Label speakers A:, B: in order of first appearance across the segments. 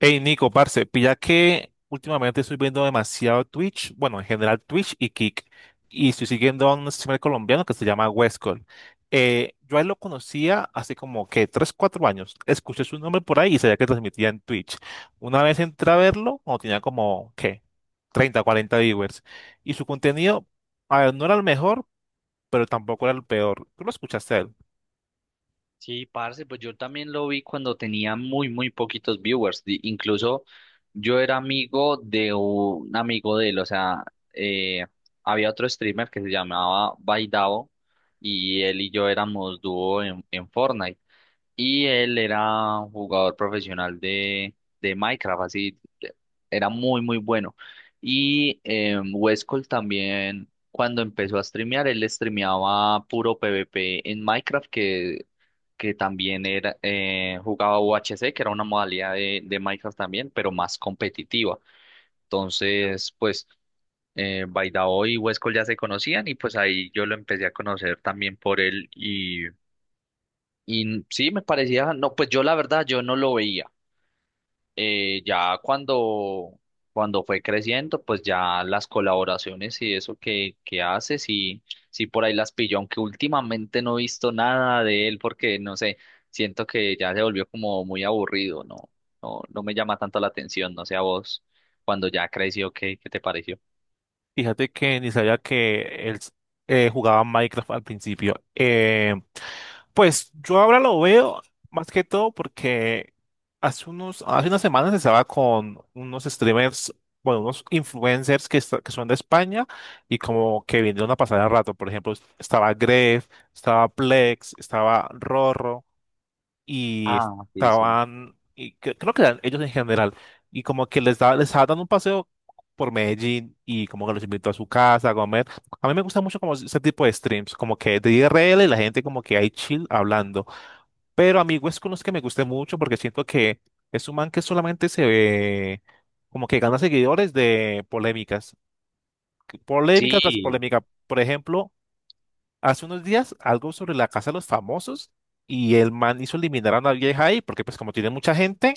A: Hey Nico, parce, pilla que últimamente estoy viendo demasiado Twitch, bueno, en general Twitch y Kick, y estoy siguiendo a un streamer colombiano que se llama Westcol. Yo a él lo conocía hace como que 3 4 años. Escuché su nombre por ahí y sabía que transmitía en Twitch. Una vez entré a verlo, cuando tenía como, ¿qué? 30, 40 viewers. Y su contenido, a ver, no era el mejor, pero tampoco era el peor. Tú lo escuchaste a él.
B: Sí, parce, pues yo también lo vi cuando tenía muy poquitos viewers. Incluso yo era amigo de un amigo de él, o sea, eh, había otro streamer que se llamaba Baidavo y él y yo éramos dúo en Fortnite. Y él era un jugador profesional de Minecraft, era muy bueno. Y Westcol también, cuando empezó a streamear, él streameaba puro PvP en Minecraft, que también era, jugaba UHC, que era una modalidad de Minecraft también, pero más competitiva. Entonces, pues, Baidao y Westcol ya se conocían y pues ahí yo lo empecé a conocer también por él y sí, me parecía, no, pues yo la verdad, yo no lo veía. Eh, ya cuando, Cuando fue creciendo, pues ya las colaboraciones y eso que hace, sí, sí por ahí las pilló, aunque últimamente no he visto nada de él porque, no sé, siento que ya se volvió como muy aburrido, no, no me llama tanto la atención, no sé a vos, cuando ya creció, ¿ qué te pareció?
A: Fíjate que ni sabía que él jugaba Minecraft al principio. Pues yo ahora lo veo más que todo porque hace unas semanas estaba con unos streamers, bueno, unos influencers que son de España y como que vinieron a pasar el rato. Por ejemplo, estaba Gref, estaba Plex, estaba Rorro y
B: Ah, sí, sí.
A: creo que eran ellos en general, y como que les estaba dando un paseo por Medellín y como que los invitó a su casa a comer. A mí me gusta mucho como ese tipo de streams, como que de IRL y la gente como que hay chill hablando. Pero amigos con los que me guste mucho porque siento que es un man que solamente se ve como que gana seguidores de polémicas, polémica tras
B: Sí,
A: polémica. Por ejemplo, hace unos días algo sobre la casa de los famosos y el man hizo eliminar a una vieja ahí porque pues como tiene mucha gente,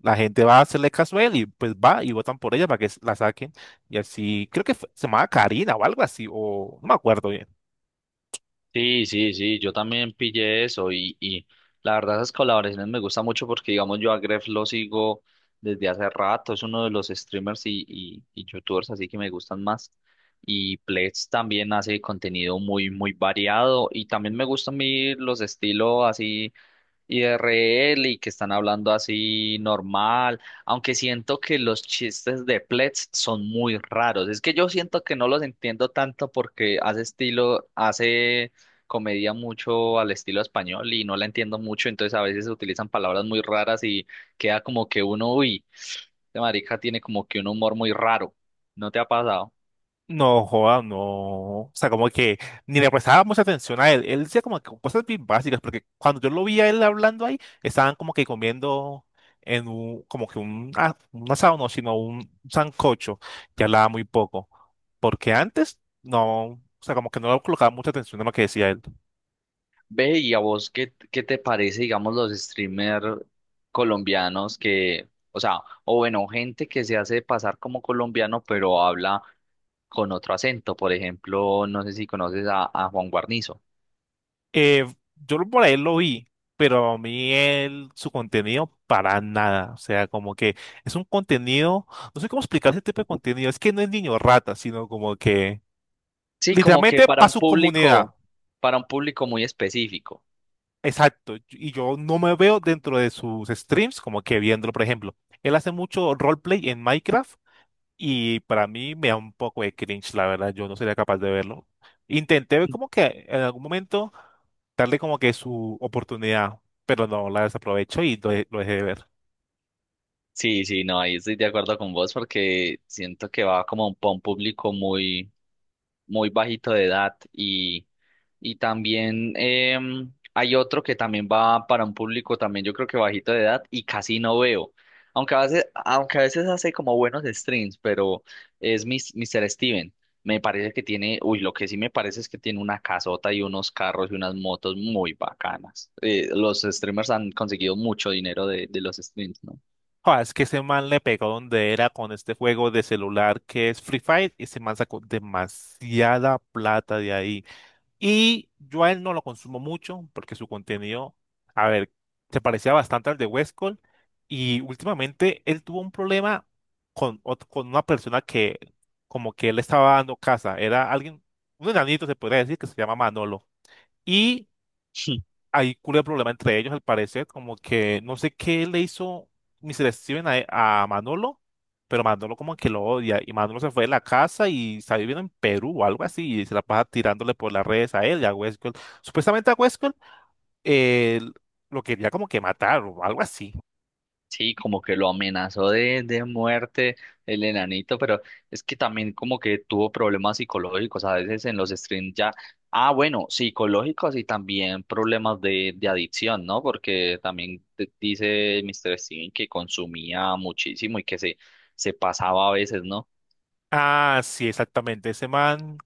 A: la gente va a hacerle caso a él y pues va y votan por ella para que la saquen. Y así, creo que se llamaba Karina o algo así, o no me acuerdo.
B: sí, sí, sí, yo también pillé eso y la verdad esas colaboraciones me gustan mucho porque digamos yo a Gref lo sigo desde hace rato, es uno de los streamers y youtubers así que me gustan más y Pledge también hace contenido muy variado y también me gustan a mí los estilos así IRL y que están hablando así normal, aunque siento que los chistes de Pletz son muy raros. Es que yo siento que no los entiendo tanto porque hace estilo, hace comedia mucho al estilo español y no la entiendo mucho, entonces a veces se utilizan palabras muy raras y queda como que uno, uy, este marica tiene como que un humor muy raro. ¿No te ha pasado?
A: No, joda, no. O sea, como que ni le prestaba mucha atención a él. Él decía como que cosas bien básicas, porque cuando yo lo vi a él hablando ahí, estaban como que comiendo en un, como que un, ah, un asado, no, sino un sancocho, que hablaba muy poco. Porque antes, no, o sea, como que no le colocaba mucha atención a lo que decía él.
B: Ve, y a vos, ¿ qué te parece, digamos, los streamers colombianos que, o sea, o bueno, gente que se hace pasar como colombiano, pero habla con otro acento? Por ejemplo, no sé si conoces a Juan Guarnizo.
A: Eh, por ahí lo vi, pero a mí su contenido para nada. O sea, como que es un contenido, no sé cómo explicar ese tipo de contenido. Es que no es niño rata, sino como que
B: Sí, como que
A: literalmente para su comunidad.
B: para un público muy específico.
A: Exacto. Y yo no me veo dentro de sus streams como que viéndolo, por ejemplo. Él hace mucho roleplay en Minecraft y para mí me da un poco de cringe, la verdad. Yo no sería capaz de verlo. Intenté ver como que en algún momento darle como que su oportunidad, pero no la desaprovecho y lo dejé de ver.
B: Sí, sí, no, ahí estoy de acuerdo con vos porque siento que va como para un público muy bajito de edad y también hay otro que también va para un público también yo creo que bajito de edad y casi no veo. Aunque a veces hace como buenos streams, pero Mr. Steven. Me parece que tiene, uy, lo que sí me parece es que tiene una casota y unos carros y unas motos muy bacanas. Los streamers han conseguido mucho dinero de los streams, ¿no?
A: Joder, es que ese man le pegó donde era con este juego de celular que es Free Fire y ese man sacó demasiada plata de ahí. Y yo a él no lo consumo mucho porque su contenido, a ver, se parecía bastante al de Westcol y últimamente él tuvo un problema con una persona que como que él estaba dando casa. Era alguien, un enanito se podría decir que se llama Manolo. Y hay culo de problema entre ellos, al parecer, como que no sé qué le hizo Mr. Steven a Manolo, pero Manolo como que lo odia. Y Manolo se fue de la casa y está viviendo en Perú o algo así, y se la pasa tirándole por las redes a él y a Westworld. Supuestamente a Westworld eh, lo quería como que matar o algo así.
B: Sí, como que lo amenazó de muerte el enanito, pero es que también como que tuvo problemas psicológicos a veces en los streams ya. Ah, bueno, psicológicos y también problemas de adicción, ¿no? Porque también dice Mr. Steven que consumía muchísimo y que se pasaba a veces, ¿no?
A: Ah, sí, exactamente. Ese man,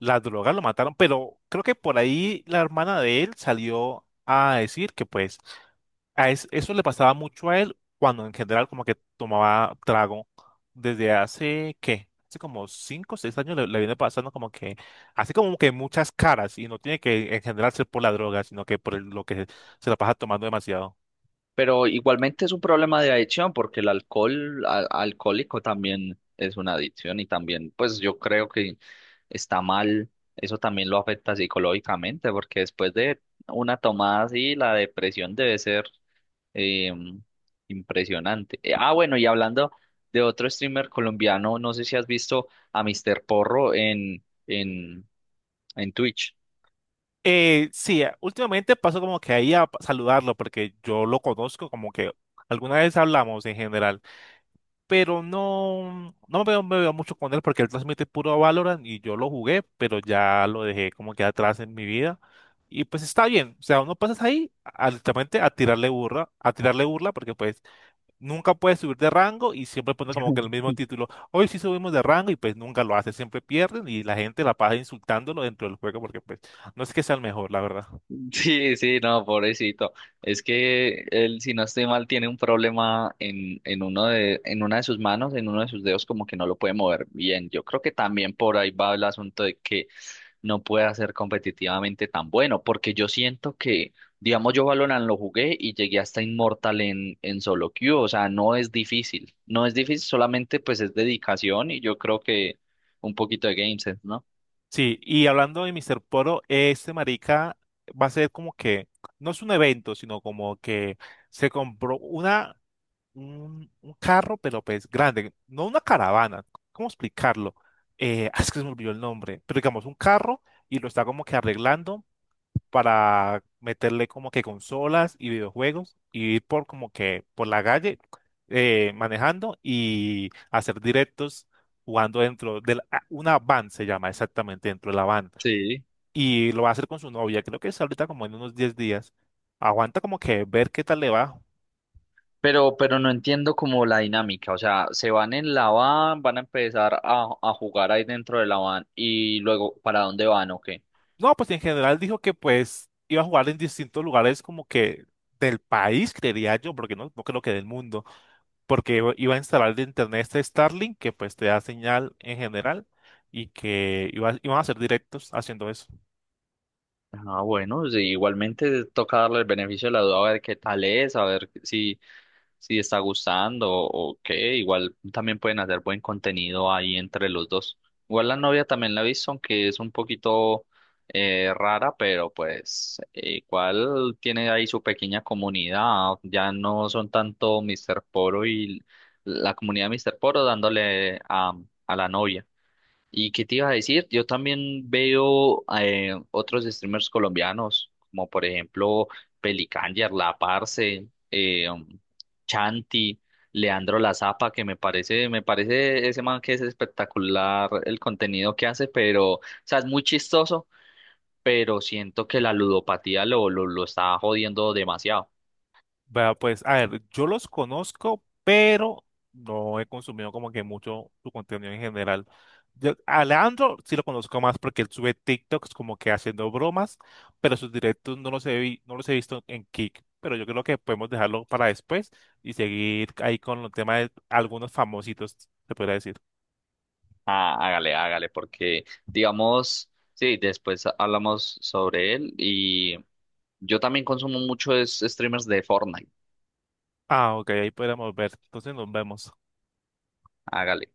A: las drogas lo mataron, pero creo que por ahí la hermana de él salió a decir que pues eso le pasaba mucho a él cuando en general como que tomaba trago desde hace, ¿qué? Hace como 5 o 6 años le viene pasando como que hace como que muchas caras y no tiene que en general ser por la droga, sino que lo que se la pasa tomando demasiado.
B: Pero igualmente es un problema de adicción porque el alcohol alcohólico también es una adicción y también pues yo creo que está mal, eso también lo afecta psicológicamente porque después de una tomada así la depresión debe ser eh, impresionante. Bueno, y hablando de otro streamer colombiano, no sé si has visto a Mr. Porro en Twitch.
A: Sí, últimamente paso como que ahí a saludarlo porque yo lo conozco como que alguna vez hablamos en general, pero no me veo, mucho con él porque él transmite puro Valorant y yo lo jugué, pero ya lo dejé como que atrás en mi vida. Y pues está bien, o sea, uno pasas ahí literalmente a tirarle burla porque pues nunca puedes subir de rango y siempre pone como que el mismo título, hoy sí subimos de rango y pues nunca lo hace, siempre pierden y la gente la pasa insultándolo dentro del juego porque pues no es que sea el mejor, la verdad.
B: Sí, sí, no, pobrecito. Es que él, si no estoy mal, tiene un problema en uno de, en una de sus manos, en uno de sus dedos, como que no lo puede mover bien. Yo creo que también por ahí va el asunto de que no pueda ser competitivamente tan bueno, porque yo siento que, digamos, yo Valorant lo jugué y llegué hasta Inmortal en solo queue, o sea, no es difícil, no es difícil, solamente pues es dedicación y yo creo que un poquito de game sense, ¿no?
A: Sí, y hablando de Mr. Poro, este marica va a ser como que, no es un evento, sino como que se compró un carro, pero pues grande, no una caravana, ¿cómo explicarlo? Es que se me olvidó el nombre, pero digamos un carro y lo está como que arreglando para meterle como que consolas y videojuegos y ir por como que por la calle manejando y hacer directos jugando dentro de una van, se llama exactamente, dentro de la van
B: Sí.
A: y lo va a hacer con su novia. Creo que es ahorita como en unos 10 días. Aguanta como que ver qué tal le va.
B: Pero no entiendo como la dinámica, o sea, se van en la van, van a empezar a jugar ahí dentro de la van y luego, ¿para dónde van o
A: No, pues en general dijo que pues iba a jugar en distintos lugares como que del país, creería yo, porque no creo que del mundo, porque iba a instalar de internet este Starlink que pues te da señal en general y que iba, iban a hacer directos haciendo eso.
B: Ah, bueno, sí, igualmente toca darle el beneficio de la duda a ver qué tal es, a ver si, si está gustando o qué. Igual también pueden hacer buen contenido ahí entre los dos. Igual la novia también la he visto, aunque es un poquito rara, pero pues igual tiene ahí su pequeña comunidad. Ya no son tanto Mr. Poro y la comunidad de Mr. Poro dándole a la novia. ¿Y qué te iba a decir? Yo también veo otros streamers colombianos, como por ejemplo Pelicanger, La Parce, Chanti, Leandro La Zapa, que me parece ese man que es espectacular el contenido que hace, pero, o sea, es muy chistoso, pero siento que la ludopatía lo está jodiendo demasiado.
A: Vea, pues, a ver, yo los conozco, pero no he consumido como que mucho su contenido en general. A Leandro sí lo conozco más porque él sube TikToks como que haciendo bromas, pero sus directos no los he visto en Kick. Pero yo creo que podemos dejarlo para después y seguir ahí con el tema de algunos famositos, se podría decir.
B: Ah, hágale, hágale, porque digamos, sí, después hablamos sobre él y yo también consumo muchos streamers de Fortnite.
A: Ah, ok, ahí podemos ver. Entonces nos vemos.
B: Hágale.